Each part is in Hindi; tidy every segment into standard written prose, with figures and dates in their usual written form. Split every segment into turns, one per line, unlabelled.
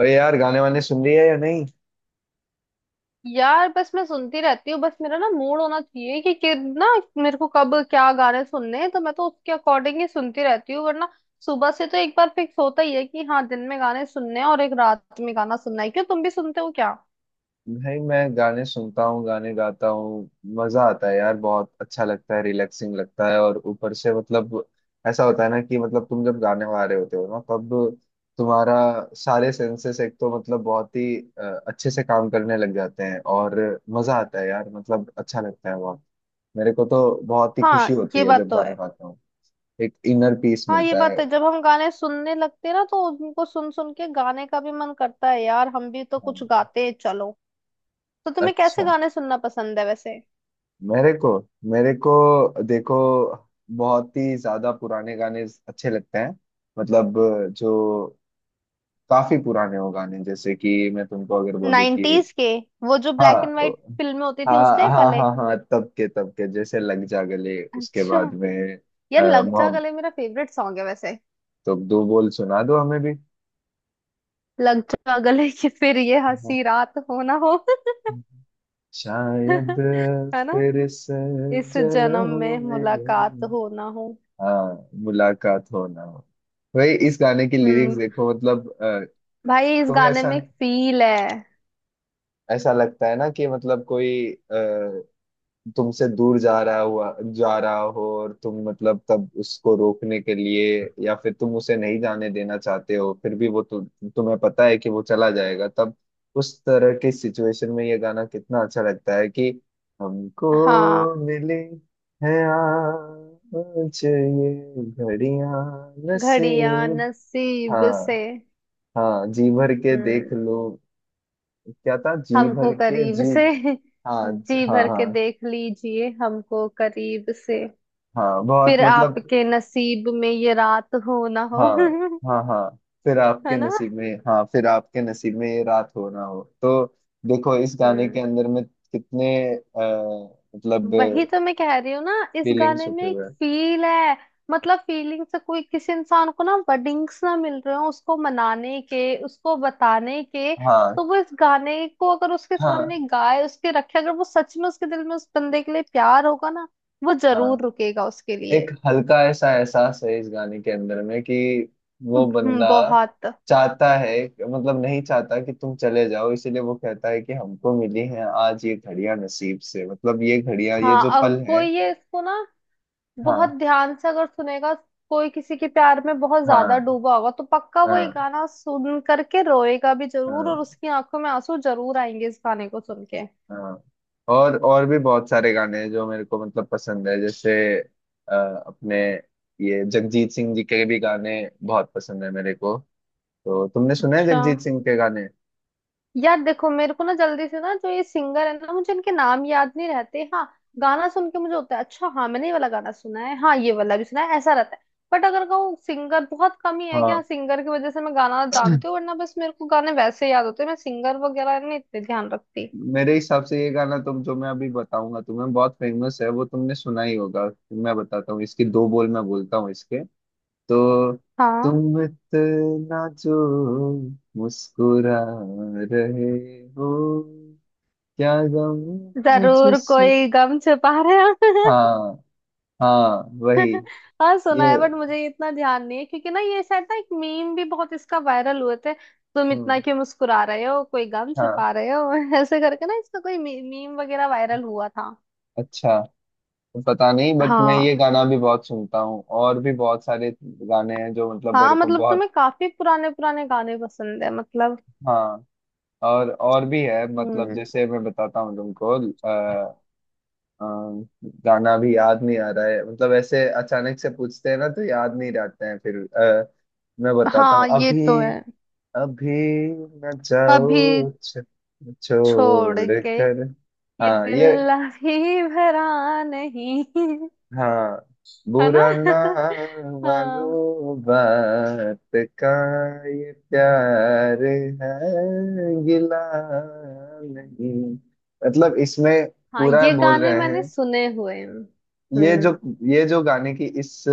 और यार गाने वाने सुन रही है या नहीं?
यार बस मैं सुनती रहती हूँ। बस मेरा ना मूड होना चाहिए कि ना मेरे को कब क्या गाने सुनने हैं, तो मैं तो उसके अकॉर्डिंग ही सुनती रहती हूँ। वरना सुबह से तो एक बार फिक्स होता ही है कि हाँ दिन में गाने सुनने हैं और एक रात में गाना सुनना है। क्यों, तुम भी सुनते हो क्या?
भाई मैं गाने सुनता हूँ, गाने गाता हूँ। मजा आता है यार, बहुत अच्छा लगता है, रिलैक्सिंग लगता है। और ऊपर से मतलब ऐसा होता है ना कि मतलब तुम जब गाने गा रहे होते हो ना, तब तुम्हारा सारे सेंसेस एक तो मतलब बहुत ही अच्छे से काम करने लग जाते हैं। और मजा आता है यार, मतलब अच्छा लगता है बहुत। मेरे को तो बहुत ही खुशी
हाँ,
होती
ये
है
बात
जब
तो
गाने
है।
गाता हूँ। एक इनर पीस
हाँ ये
मिलता है।
बात है, जब हम गाने सुनने लगते हैं ना तो उनको सुन सुन के गाने का भी मन करता है, यार हम भी तो
हाँ।
कुछ गाते हैं चलो। तो तुम्हें कैसे
अच्छा,
गाने सुनना पसंद है वैसे?
मेरे को मेरे को देखो, बहुत ही ज्यादा पुराने गाने अच्छे लगते हैं। मतलब जो काफी पुराने हो गाने, जैसे कि मैं तुमको अगर बोलूँ कि
90s के, वो जो ब्लैक
हाँ
एंड व्हाइट फिल्में होती थी उस
हाँ
टाइप
हाँ
वाले।
हाँ, हाँ तब के, तब के जैसे लग जा गले। उसके
अच्छा।
बाद में
यार लग जा
मोहम,
गले मेरा फेवरेट सॉन्ग है वैसे।
तो दो बोल सुना दो हमें भी।
लग जा गले कि फिर ये
हाँ।
हंसी रात हो ना हो।
शायद
है ना।
फिर से
इस जन्म में
जन्म
मुलाकात
में।
हो ना हो।
हाँ, मुलाकात हो ना हो। भाई, इस गाने की लिरिक्स
हम्म।
देखो मतलब
भाई इस
तुम्हें
गाने
ऐसा
में फील है।
ऐसा लगता है ना कि मतलब कोई तुमसे दूर जा रहा हो, और तुम मतलब तब उसको रोकने के लिए, या फिर तुम उसे नहीं जाने देना चाहते हो, फिर भी तुम्हें पता है कि वो चला जाएगा। तब उस तरह की सिचुएशन में ये गाना कितना अच्छा लगता है कि हमको
हाँ,
मिले है आज ये घड़ियां
घड़ियां
नसीब।
नसीब से।
हाँ, हाँ जी भर के देख
हम्म।
लो। क्या था जी
हमको
भर के
करीब
जी।
से।
हाँ ज-
जी
हाँ
भर के
हाँ।
देख लीजिए हमको करीब से।
हाँ बहुत
फिर
मतलब।
आपके नसीब में ये रात हो ना हो।
हाँ हाँ हाँ, फिर
है
आपके
ना।
नसीब में, हाँ फिर आपके नसीब में ये रात हो ना हो तो। देखो, इस गाने के
हम्म,
अंदर में कितने मतलब
वही तो मैं कह रही हूँ ना। इस
फीलिंग्स
गाने में
छुपे
एक
हुए हैं।
फील है। मतलब फीलिंग से कोई किसी इंसान को ना वर्डिंग्स ना मिल रहे हो उसको मनाने के, उसको बताने के,
हाँ
तो वो इस गाने को अगर उसके सामने
हाँ
गाए, उसके रखे, अगर वो सच में उसके दिल में उस बंदे के लिए प्यार होगा ना वो
हाँ।
जरूर रुकेगा उसके लिए।
एक हल्का ऐसा एहसास है इस गाने के अंदर में कि वो बंदा
बहुत।
चाहता है, मतलब नहीं चाहता कि तुम चले जाओ। इसीलिए वो कहता है कि हमको मिली है आज ये घड़ियां नसीब से। मतलब ये घड़ियां, ये
हाँ
जो
अब
पल है।
कोई ये इसको ना बहुत
हाँ
ध्यान से अगर सुनेगा, कोई किसी के प्यार में बहुत ज्यादा
हाँ
डूबा होगा, तो पक्का वो ये
हाँ
गाना सुन करके रोएगा भी जरूर और
हाँ
उसकी आंखों में आंसू जरूर आएंगे इस गाने को सुन के।
हाँ। और भी बहुत सारे गाने हैं जो मेरे को मतलब पसंद है। जैसे अ, अपने ये जगजीत सिंह जी के भी गाने बहुत पसंद है मेरे को। तो तुमने सुना है
अच्छा।
जगजीत सिंह के गाने?
यार देखो मेरे को ना जल्दी से ना जो ये सिंगर है ना मुझे इनके नाम याद नहीं रहते, हाँ गाना सुन के मुझे होता है अच्छा हाँ मैंने ये वाला गाना सुना है, हाँ ये वाला भी सुना है, ऐसा रहता है। बट अगर कहूँ सिंगर बहुत कम ही है कि हाँ
हाँ,
सिंगर की वजह से मैं गाना जानती हूँ, वरना बस मेरे को गाने वैसे याद होते हैं, मैं सिंगर वगैरह नहीं इतने ध्यान रखती।
मेरे हिसाब से ये गाना, तुम जो मैं अभी बताऊंगा तुम्हें, बहुत फेमस है, वो तुमने सुना ही होगा। मैं बताता हूँ, इसकी दो बोल मैं बोलता हूँ इसके। तो
हाँ
तुम इतना जो मुस्कुरा रहे हो, क्या गम है
जरूर
जिस।
कोई गम छुपा रहे हो।
हाँ, हाँ वही
हाँ सुना
ये।
है, बट मुझे इतना ध्यान नहीं है, क्योंकि ना ये शायद ना एक मीम भी बहुत इसका वायरल हुए थे। तुम इतना
हम्म।
क्यों मुस्कुरा रहे हो, कोई गम
हाँ।
छुपा रहे हो, ऐसे करके ना इसका कोई मीम वगैरह वायरल हुआ था।
अच्छा, पता नहीं बट मैं ये
हाँ,
गाना भी बहुत सुनता हूँ। और भी बहुत सारे गाने हैं जो मतलब
हाँ
मेरे को
मतलब
बहुत।
तुम्हें काफी पुराने पुराने गाने पसंद है मतलब।
हाँ, और भी है मतलब,
हम्म।
जैसे मैं बताता हूँ तुमको। अ, गाना भी याद नहीं आ रहा है। मतलब ऐसे अचानक से पूछते हैं ना तो याद नहीं रहते हैं। फिर मैं बताता हूँ
हाँ ये तो
अभी।
है।
अभी न
अभी
जाओ
छोड़
छोड़
के
कर।
ये
हाँ ये।
दिल अभी भरा नहीं।
हाँ,
है ना।
बुरा ना
हाँ,
मानो बात का, ये प्यार है, गिला नहीं। मतलब इसमें
हाँ
पूरा
ये
बोल
गाने
रहे
मैंने
हैं।
सुने हुए हैं।
ये जो
हम्म।
ये जो गाने की इस,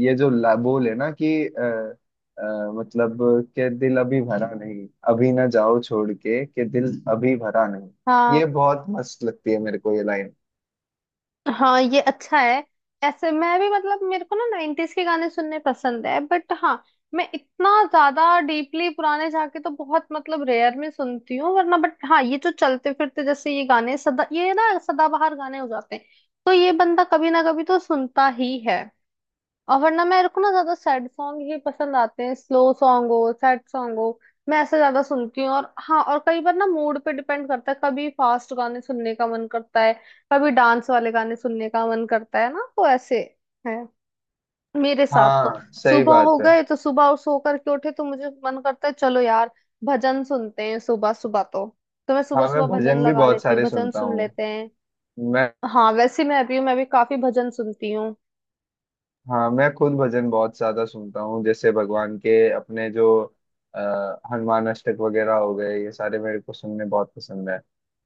बोल है ना कि मतलब, के दिल अभी भरा नहीं, अभी ना जाओ छोड़ के दिल अभी भरा नहीं। ये
हाँ।
बहुत मस्त लगती है मेरे को ये लाइन।
हाँ ये अच्छा है। ऐसे मैं भी मतलब मेरे को ना 90s के गाने सुनने पसंद है, बट हाँ मैं इतना ज्यादा डीपली पुराने जाके तो बहुत मतलब रेयर में सुनती हूँ वरना। बट हाँ ये जो चलते फिरते जैसे ये गाने सदा ये ना सदाबहार गाने हो जाते हैं तो ये बंदा कभी ना कभी तो सुनता ही है। और वरना मेरे को ना ज्यादा सैड सॉन्ग ही पसंद आते हैं, स्लो सॉन्ग हो सैड सॉन्ग हो, मैं ऐसे ज्यादा सुनती हूँ। और हाँ और कई बार ना मूड पे डिपेंड करता है, कभी फास्ट गाने सुनने का मन करता है, कभी डांस वाले गाने सुनने का मन करता है ना, तो ऐसे है मेरे साथ तो।
हाँ, सही
सुबह
बात
हो
है।
गए तो सुबह, और सो करके उठे तो मुझे मन करता है चलो यार भजन सुनते हैं सुबह सुबह, तो मैं सुबह
हाँ मैं
सुबह भजन
भजन भी
लगा
बहुत
लेती हूँ,
सारे
भजन
सुनता
सुन
हूँ।
लेते हैं।
मैं,
हाँ वैसे मैं भी काफी भजन सुनती हूँ।
हाँ, मैं खुद भजन बहुत ज्यादा सुनता हूँ। जैसे भगवान के अपने जो आ, हनुमान अष्टक वगैरह हो गए, ये सारे मेरे को सुनने बहुत पसंद है।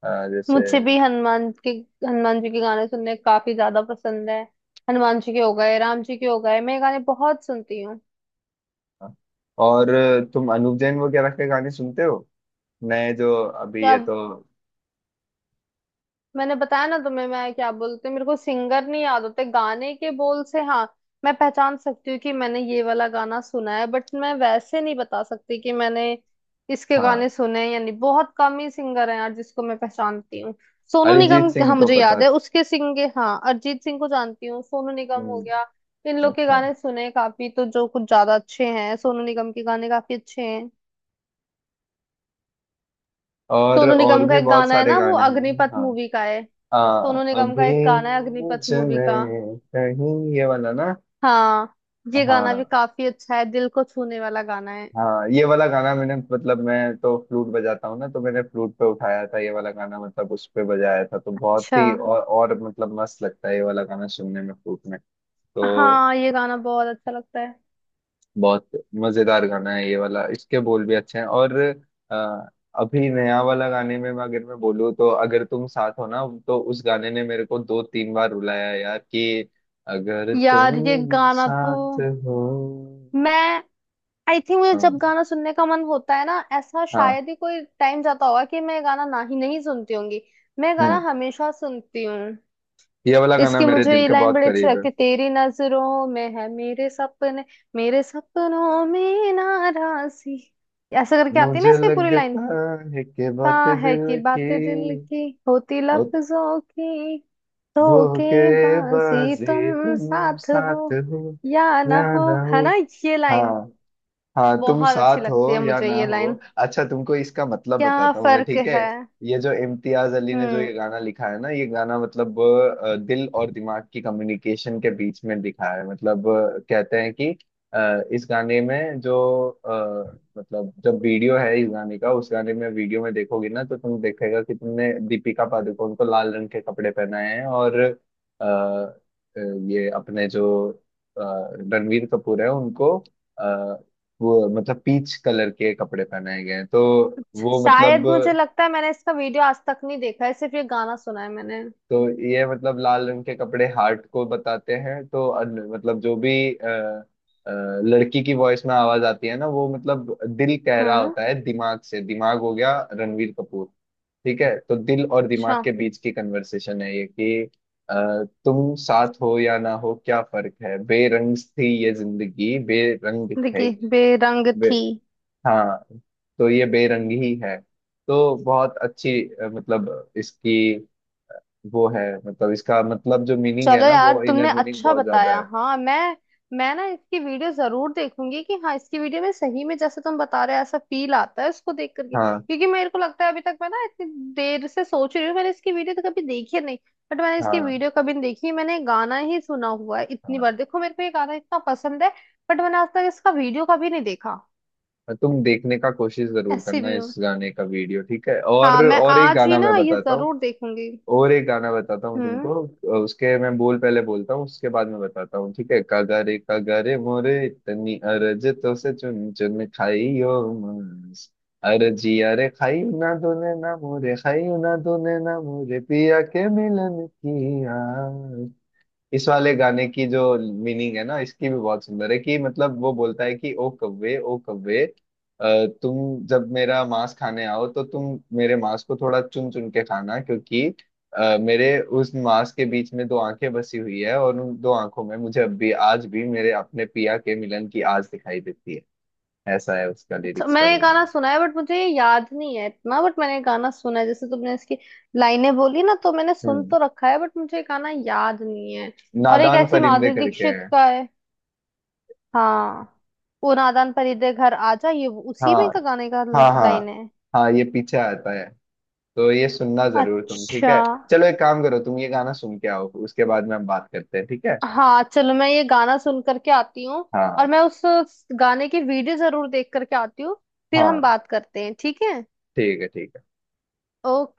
जैसे
मुझे भी हनुमान के, हनुमान जी के गाने सुनने काफी ज्यादा पसंद है। हनुमान जी के हो गए, राम जी के हो गए, मैं ये गाने बहुत सुनती हूँ।
अ, और तुम अनूप जैन वगैरह के गाने सुनते हो, नए जो अभी
या
ये तो?
मैंने बताया ना तुम्हें, मैं क्या बोलते मेरे को सिंगर नहीं याद होते, गाने के बोल से हाँ मैं पहचान सकती हूँ कि मैंने ये वाला गाना सुना है, बट मैं वैसे नहीं बता सकती कि मैंने इसके
हाँ,
गाने सुने हैं या नहीं। बहुत कम ही सिंगर हैं यार जिसको मैं पहचानती हूँ। सोनू
अरिजीत
निगम
सिंह
हाँ
को
मुझे
पता।
याद है, उसके सिंगे हाँ, अरिजीत सिंह को जानती हूँ, सोनू निगम हो
हम्म।
गया। इन लोग के
अच्छा,
गाने सुने काफी, तो जो कुछ ज्यादा अच्छे हैं सोनू निगम के गाने काफी अच्छे हैं। सोनू
और
निगम का
भी
एक
बहुत
गाना है
सारे
ना वो
गाने हैं।
अग्निपथ
हाँ।
मूवी का है।
आ,
सोनू निगम का
अभी
एक गाना है अग्निपथ
मुझ
मूवी का।
में कहीं ये वाला ना।
हाँ ये गाना भी
हाँ
काफी अच्छा है, दिल को छूने वाला गाना है।
हाँ, ये वाला गाना मैंने मतलब, मैं तो फ्लूट बजाता हूँ ना तो मैंने फ्लूट पे उठाया था ये वाला गाना, मतलब उस पे बजाया था। तो बहुत
अच्छा।
ही और मतलब मस्त लगता है ये वाला गाना सुनने में फ्लूट में तो।
हाँ ये गाना बहुत अच्छा लगता है।
बहुत मजेदार गाना है ये वाला, इसके बोल भी अच्छे हैं। और अ, अभी नया वाला गाने में, मैं अगर मैं बोलूँ तो, अगर तुम साथ हो ना, तो उस गाने ने मेरे को दो तीन बार रुलाया है यार कि अगर
यार ये
तुम
गाना तो
साथ हो।
मैं, आई थिंक मुझे जब
हाँ
गाना सुनने का मन होता है ना ऐसा
हाँ।
शायद ही कोई टाइम जाता होगा कि मैं ये गाना ना ही नहीं सुनती होंगी। मैं ये गाना
हम्म।
हमेशा सुनती हूँ।
ये वाला गाना
इसकी
मेरे
मुझे
दिल
ये
के
लाइन
बहुत
बड़ी अच्छी
करीब है।
लगती है, तेरी नजरों में है मेरे सपने, मेरे सपनों में नाराजी, ऐसा करके आती है ना
मुझे
इसकी पूरी
लगता
लाइन।
है कि
ता
बात
है कि
दिल की।
बातें दिल की होती
ओ,
लफ्जों की धोखेबाजी,
धोखेबाजी,
तुम
तुम
साथ
साथ
हो
हो
या ना
या
हो।
ना हो।
है ना ये
हाँ,
लाइन,
हाँ तुम
बहुत अच्छी
साथ हो
लगती है
या
मुझे
ना
ये
हो।
लाइन।
अच्छा, तुमको इसका मतलब
क्या
बताता हूँ मैं,
फर्क
ठीक है?
है।
ये जो इम्तियाज अली ने जो
हम्म।
ये गाना लिखा है ना, ये गाना मतलब दिल और दिमाग की कम्युनिकेशन के बीच में लिखा है। मतलब कहते हैं कि इस गाने में जो मतलब जब वीडियो है इस गाने का, उस गाने में वीडियो में देखोगी ना तो तुम देखेगा कि तुमने दीपिका पादुकोण को लाल रंग के कपड़े पहनाए हैं, और ये अपने जो अ, रणवीर कपूर है उनको वो मतलब पीच कलर के कपड़े पहनाए गए हैं। तो वो मतलब,
शायद मुझे लगता है मैंने इसका वीडियो आज तक नहीं देखा है, सिर्फ ये गाना सुना है मैंने।
तो ये मतलब लाल रंग के कपड़े हार्ट को बताते हैं। तो मतलब जो भी लड़की की वॉइस में आवाज आती है ना, वो मतलब दिल कह रहा
हम्म।
होता है दिमाग से, दिमाग हो गया रणवीर कपूर, ठीक है? तो दिल और
अच्छा।
दिमाग के बीच की कन्वर्सेशन है ये कि तुम साथ हो या ना हो, क्या फर्क है, बेरंग थी ये जिंदगी, बेरंग
देखिए बेरंग
है।
थी।
हाँ, तो ये बेरंगी ही है। तो बहुत अच्छी मतलब इसकी वो है, मतलब इसका मतलब जो मीनिंग है
चलो
ना,
यार
वो
तुमने
इनर मीनिंग
अच्छा
बहुत ज्यादा
बताया,
है।
हाँ मैं ना इसकी वीडियो जरूर देखूंगी कि हाँ इसकी वीडियो में सही में जैसे तुम बता रहे हो ऐसा फील आता है उसको देख करके,
हाँ
क्योंकि मेरे को लगता है अभी तक मैं ना इतनी देर से सोच रही हूँ मैंने इसकी वीडियो तो कभी देखी नहीं। बट मैंने इसकी
हाँ
वीडियो कभी नहीं देखी, मैंने गाना ही सुना हुआ है, इतनी
हाँ।
बार देखो मेरे को ये गाना इतना पसंद है बट मैंने आज तक इसका वीडियो कभी नहीं देखा।
और तुम देखने का कोशिश जरूर
ऐसी
करना
भी हूँ।
इस गाने का वीडियो, ठीक है?
हाँ मैं
और एक
आज ही
गाना मैं
ना ये
बताता हूँ,
जरूर देखूंगी।
और एक गाना बताता हूँ
हम्म।
तुमको। उसके मैं बोल पहले बोलता हूँ, उसके बाद में बताता हूँ, ठीक है? कगरे कगरे मोरे इतनी अरज तो से, चुन चुन खाइयो मांस, अरजिया रे, खाइयो ना दोने ना मोरे, खाइयो ना दोने ना मोरे पिया के मिलन की आस। इस वाले गाने की जो मीनिंग है ना, इसकी भी बहुत सुंदर है कि मतलब वो बोलता है कि ओ कव्वे, ओ कव्वे, तुम जब मेरा मांस खाने आओ तो तुम मेरे मांस को थोड़ा चुन चुन के खाना, क्योंकि मेरे उस मांस के बीच में दो आंखें बसी हुई है, और उन दो आंखों में मुझे अब भी, आज भी मेरे अपने पिया के मिलन की आज दिखाई देती है। ऐसा है उसका
अच्छा
लिरिक्स का
मैंने ये
मीनिंग।
गाना सुना है बट मुझे ये याद नहीं है इतना, बट मैंने ये गाना सुना है, जैसे तुमने इसकी लाइनें बोली ना तो मैंने सुन
हम्म,
तो रखा है, बट मुझे ये गाना याद नहीं है। और एक
नादान
ऐसी
परिंदे
माधुरी
करके
दीक्षित
है।
का है। हाँ वो नादान परीदे घर आजा, ये उसी में
हाँ
का गाने का
हाँ
लाइन
हाँ,
है।
हाँ ये पीछे आता है। तो ये सुनना जरूर तुम, ठीक
अच्छा।
है? चलो, एक काम करो, तुम ये गाना सुन के आओ, उसके बाद में हम बात करते हैं, ठीक है?
हाँ चलो मैं ये गाना सुन करके आती हूँ और
हाँ,
मैं उस गाने की वीडियो जरूर देख करके आती हूँ, फिर हम
हाँ
बात करते हैं ठीक है।
ठीक है, ठीक है।
ओके।